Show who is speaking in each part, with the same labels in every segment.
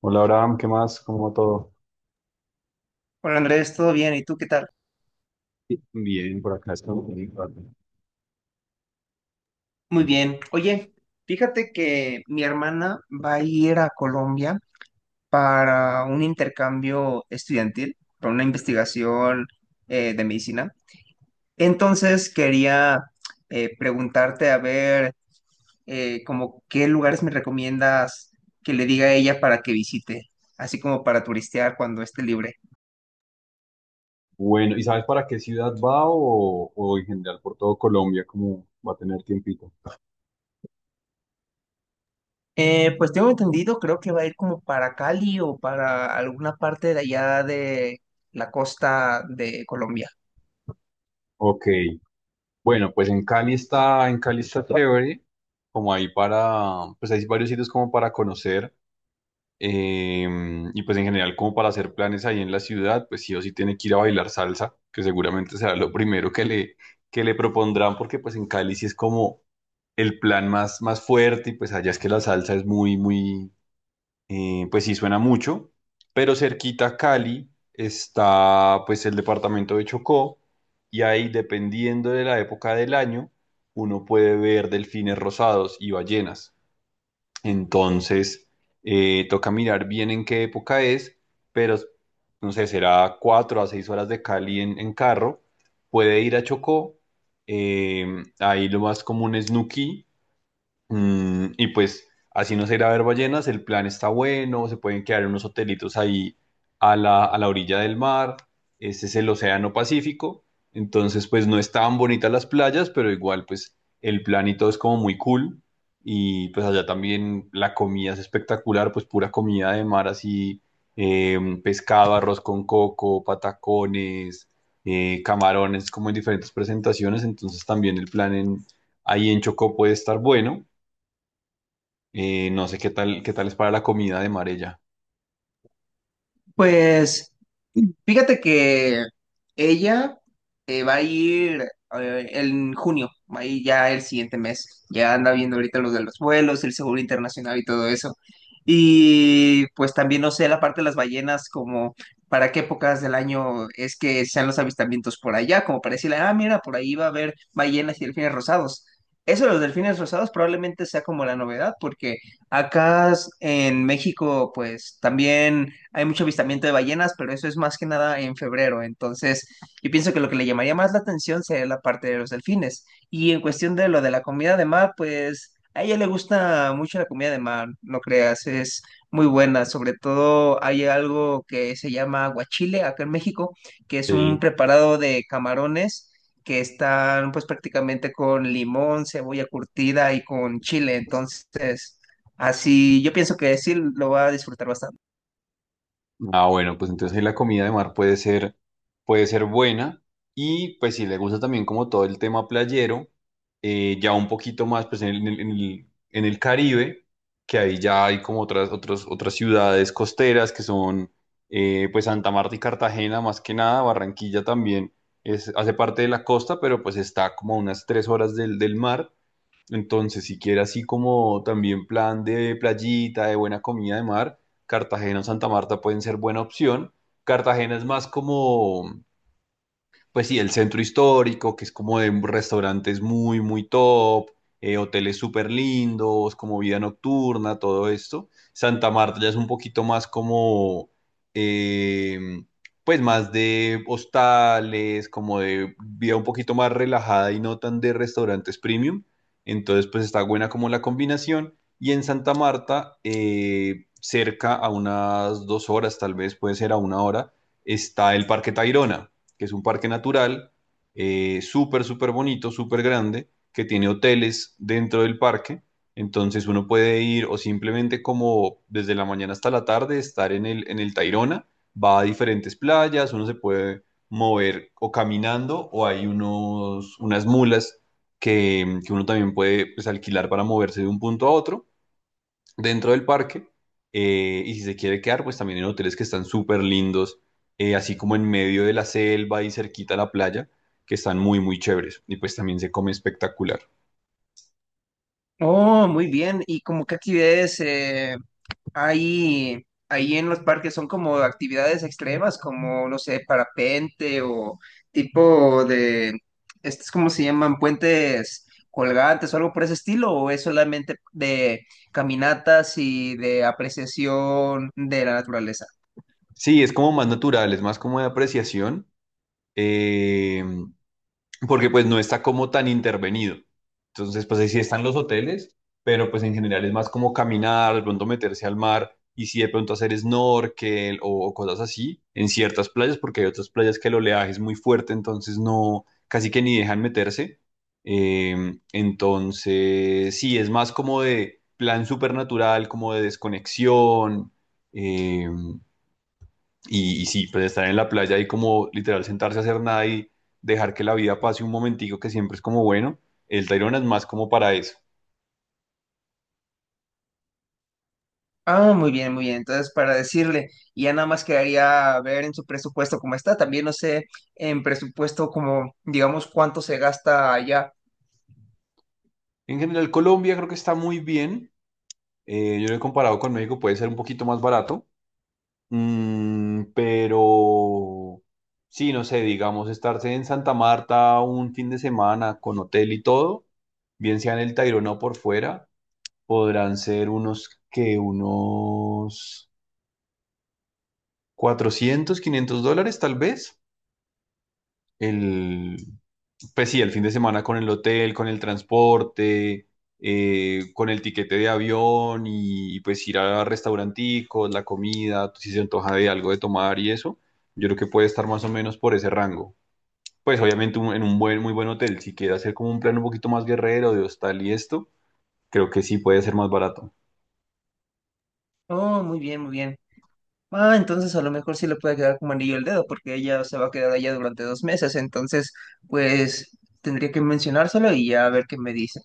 Speaker 1: Hola Abraham, ¿qué más? ¿Cómo va todo?
Speaker 2: Hola Andrés, ¿todo bien? ¿Y tú qué tal?
Speaker 1: Bien, por acá está.
Speaker 2: Muy bien. Oye, fíjate que mi hermana va a ir a Colombia para un intercambio estudiantil, para una investigación de medicina. Entonces quería preguntarte a ver, como qué lugares me recomiendas que le diga a ella para que visite, así como para turistear cuando esté libre.
Speaker 1: Bueno, ¿y sabes para qué ciudad va o en general por todo Colombia, como va a tener tiempito?
Speaker 2: Pues tengo entendido, creo que va a ir como para Cali o para alguna parte de allá de la costa de Colombia.
Speaker 1: Ok, bueno, pues en Cali está chévere, como ahí para, pues hay varios sitios como para conocer, eh, y pues en general como para hacer planes ahí en la ciudad, pues sí o sí tiene que ir a bailar salsa, que seguramente será lo primero que le propondrán, porque pues en Cali sí es como el plan más, más fuerte y pues allá es que la salsa es muy, muy, pues sí suena mucho, pero cerquita a Cali está pues el departamento de Chocó y ahí, dependiendo de la época del año, uno puede ver delfines rosados y ballenas. Entonces toca mirar bien en qué época es, pero no sé, será 4 a 6 horas de Cali en carro, puede ir a Chocó. eh, Ahí lo más común es Nuquí. Y pues así no se irá a ver ballenas, el plan está bueno, se pueden quedar en unos hotelitos ahí a la orilla del mar, este es el Océano Pacífico, entonces pues no es tan bonitas las playas, pero igual pues el plan y todo es como muy cool y pues allá también la comida es espectacular, pues pura comida de mar así, pescado, arroz con coco, patacones, camarones como en diferentes presentaciones, entonces también el plan ahí en Chocó puede estar bueno. No sé qué tal es para la comida de mar ella.
Speaker 2: Pues fíjate que ella, va a ir en junio, va a ir ya el siguiente mes. Ya anda viendo ahorita los de los vuelos, el seguro internacional y todo eso. Y pues también no sé la parte de las ballenas, como para qué épocas del año es que sean los avistamientos por allá, como para decirle, ah, mira, por ahí va a haber ballenas y delfines rosados. Eso de los delfines rosados probablemente sea como la novedad, porque acá en México, pues también hay mucho avistamiento de ballenas, pero eso es más que nada en febrero. Entonces, yo pienso que lo que le llamaría más la atención sería la parte de los delfines. Y en cuestión de lo de la comida de mar, pues a ella le gusta mucho la comida de mar, no creas, es muy buena. Sobre todo hay algo que se llama aguachile acá en México, que es un
Speaker 1: Sí.
Speaker 2: preparado de camarones que están pues prácticamente con limón, cebolla curtida y con chile. Entonces, así yo pienso que sí lo va a disfrutar bastante.
Speaker 1: Ah, bueno, pues entonces ahí la comida de mar puede ser buena. Y pues si le gusta también como todo el tema playero, ya un poquito más pues en el Caribe, que ahí ya hay como otras ciudades costeras que son pues Santa Marta y Cartagena más que nada. Barranquilla también es, hace parte de la costa, pero pues está como a unas 3 horas del mar. Entonces, si quiere así como también plan de playita, de buena comida de mar, Cartagena o Santa Marta pueden ser buena opción. Cartagena es más como pues sí, el centro histórico, que es como de restaurantes muy, muy top, hoteles súper lindos, como vida nocturna, todo esto. Santa Marta ya es un poquito más como, eh, pues más de hostales, como de vida un poquito más relajada y no tan de restaurantes premium. Entonces, pues está buena como la combinación. Y en Santa Marta, cerca a unas 2 horas, tal vez puede ser a una hora, está el Parque Tayrona, que es un parque natural súper, súper bonito, súper grande, que tiene hoteles dentro del parque. Entonces uno puede ir o simplemente como desde la mañana hasta la tarde estar en el Tayrona, va a diferentes playas, uno se puede mover o caminando o hay unos, unas mulas que uno también puede pues alquilar para moverse de un punto a otro dentro del parque. Y si se quiere quedar, pues también en hoteles que están súper lindos, así como en medio de la selva y cerquita a la playa, que están muy, muy chéveres. Y pues también se come espectacular.
Speaker 2: Oh, muy bien. ¿Y como qué actividades? Ahí en los parques son como actividades extremas, como, no sé, ¿parapente o tipo de, estos como se llaman? ¿Puentes colgantes o algo por ese estilo, o es solamente de caminatas y de apreciación de la naturaleza?
Speaker 1: Sí, es como más natural, es más como de apreciación. eh, Porque pues no está como tan intervenido. Entonces, pues ahí sí están los hoteles, pero pues en general es más como caminar, de pronto meterse al mar y sí de pronto hacer snorkel o cosas así en ciertas playas, porque hay otras playas que el oleaje es muy fuerte, entonces no, casi que ni dejan meterse. Entonces, sí, es más como de plan supernatural, como de desconexión. em, y, y sí, pues estar en la playa y como literal sentarse a hacer nada y dejar que la vida pase un momentico que siempre es como bueno, el Tayrona es más como para eso.
Speaker 2: Ah, muy bien, muy bien. Entonces, para decirle, y ya nada más quedaría ver en su presupuesto cómo está. También no sé, en presupuesto como, digamos, cuánto se gasta allá.
Speaker 1: En general, Colombia creo que está muy bien. Yo lo he comparado con México, puede ser un poquito más barato. Pero sí, no sé, digamos, estarse en Santa Marta un fin de semana con hotel y todo, bien sea en el Tayrona o por fuera, podrán ser unos 400 500 dólares tal vez. el, pues sí, el fin de semana con el hotel, con el transporte, con el tiquete de avión y pues ir a restauranticos, la comida, si se antoja de algo de tomar y eso, yo creo que puede estar más o menos por ese rango. Pues obviamente en un muy buen hotel, si quiere hacer como un plan un poquito más guerrero de hostal y esto, creo que sí puede ser más barato.
Speaker 2: Oh, muy bien, muy bien. Ah, entonces a lo mejor sí le puede quedar como anillo el dedo, porque ella se va a quedar allá durante 2 meses, entonces pues tendría que mencionárselo y ya a ver qué me dice.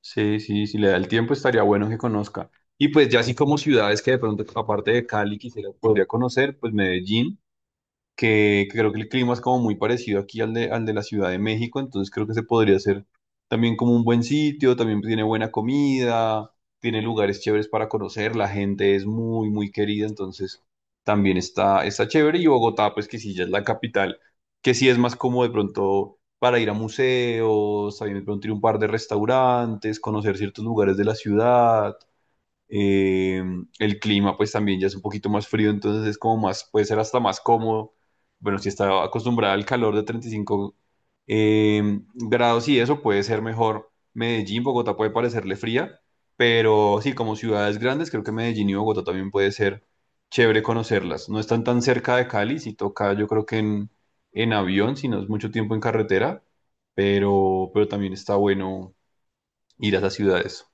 Speaker 1: Sí, sí, si le da el tiempo estaría bueno que conozca. Y pues ya así como ciudades que de pronto, aparte de Cali, quisiera, podría conocer, pues Medellín. Que creo que el clima es como muy parecido aquí al de la Ciudad de México, entonces creo que se podría hacer también como un buen sitio, también tiene buena comida, tiene lugares chéveres para conocer, la gente es muy, muy querida, entonces también está chévere. Y Bogotá, pues que sí, ya es la capital, que sí es más como de pronto para ir a museos, también de pronto ir a un par de restaurantes, conocer ciertos lugares de la ciudad. Eh, el clima pues también ya es un poquito más frío, entonces es como más, puede ser hasta más cómodo. Bueno, si está acostumbrada al calor de 35 grados y eso puede ser mejor. Medellín, Bogotá puede parecerle fría, pero sí, como ciudades grandes, creo que Medellín y Bogotá también puede ser chévere conocerlas. No están tan cerca de Cali, si toca yo creo que en avión, si no es mucho tiempo en carretera, pero también está bueno ir a esas ciudades.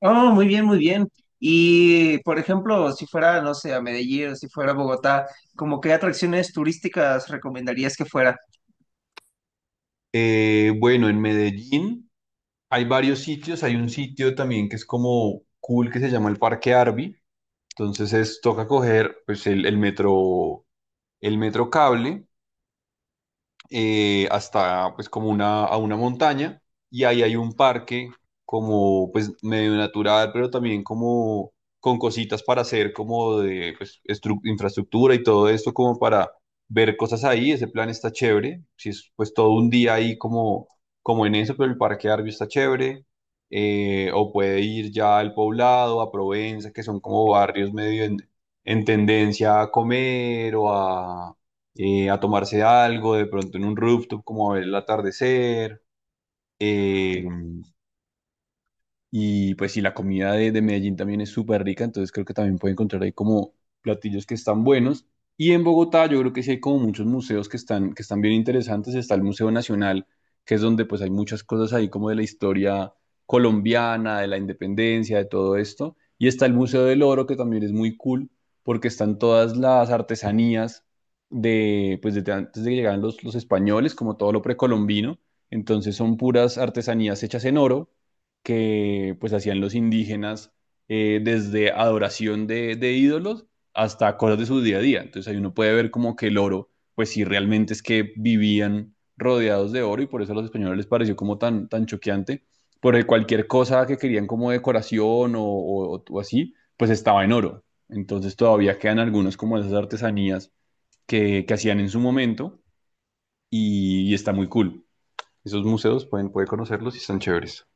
Speaker 2: Oh, muy bien, muy bien. Y por ejemplo, si fuera, no sé, a Medellín o si fuera a Bogotá, ¿como qué atracciones turísticas recomendarías que fuera?
Speaker 1: Bueno, en Medellín hay varios sitios, hay un sitio también que es como cool que se llama el Parque Arby. Entonces es, toca coger pues el metro, el metro cable hasta pues como a una montaña y ahí hay un parque como pues medio natural, pero también como con cositas para hacer como de pues, infraestructura y todo esto como para ver cosas ahí, ese plan está chévere, si es pues todo un día ahí como, como en eso, pero el Parque Arby está chévere. O puede ir ya al Poblado, a Provenza, que son como barrios medio en tendencia a comer o a tomarse algo, de pronto en un rooftop, como a ver el atardecer. eh, y pues sí, la comida de Medellín también es súper rica, entonces creo que también puede encontrar ahí como platillos que están buenos. Y en Bogotá yo creo que sí hay como muchos museos que están, bien interesantes. Está el Museo Nacional, que es donde pues hay muchas cosas ahí como de la historia colombiana, de la independencia, de todo esto. Y está el Museo del Oro, que también es muy cool, porque están todas las artesanías pues desde antes de que llegaran los españoles, como todo lo precolombino. Entonces son puras artesanías hechas en oro que pues hacían los indígenas desde adoración de ídolos hasta cosas de su día a día. Entonces ahí uno puede ver como que el oro, pues sí, realmente es que vivían rodeados de oro y por eso a los españoles les pareció como tan, tan choqueante, porque cualquier cosa que querían como decoración o así, pues estaba en oro. Entonces todavía quedan algunos como de esas artesanías que hacían en su momento y está muy cool. Esos museos pueden, puede conocerlos y están chéveres.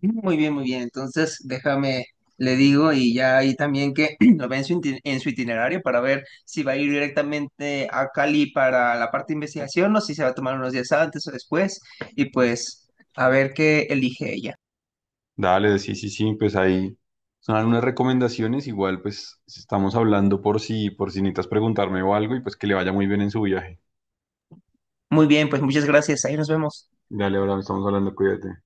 Speaker 2: Muy bien, muy bien. Entonces, déjame, le digo, y ya ahí también que lo ve en su, en su itinerario para ver si va a ir directamente a Cali para la parte de investigación o si se va a tomar unos días antes o después, y pues a ver qué elige ella.
Speaker 1: Dale, sí, sí, sí, pues ahí son algunas recomendaciones. Igual, pues si estamos hablando por si necesitas preguntarme o algo y pues que le vaya muy bien en su viaje.
Speaker 2: Muy bien, pues muchas gracias. Ahí nos vemos.
Speaker 1: Dale, ahora estamos hablando, cuídate.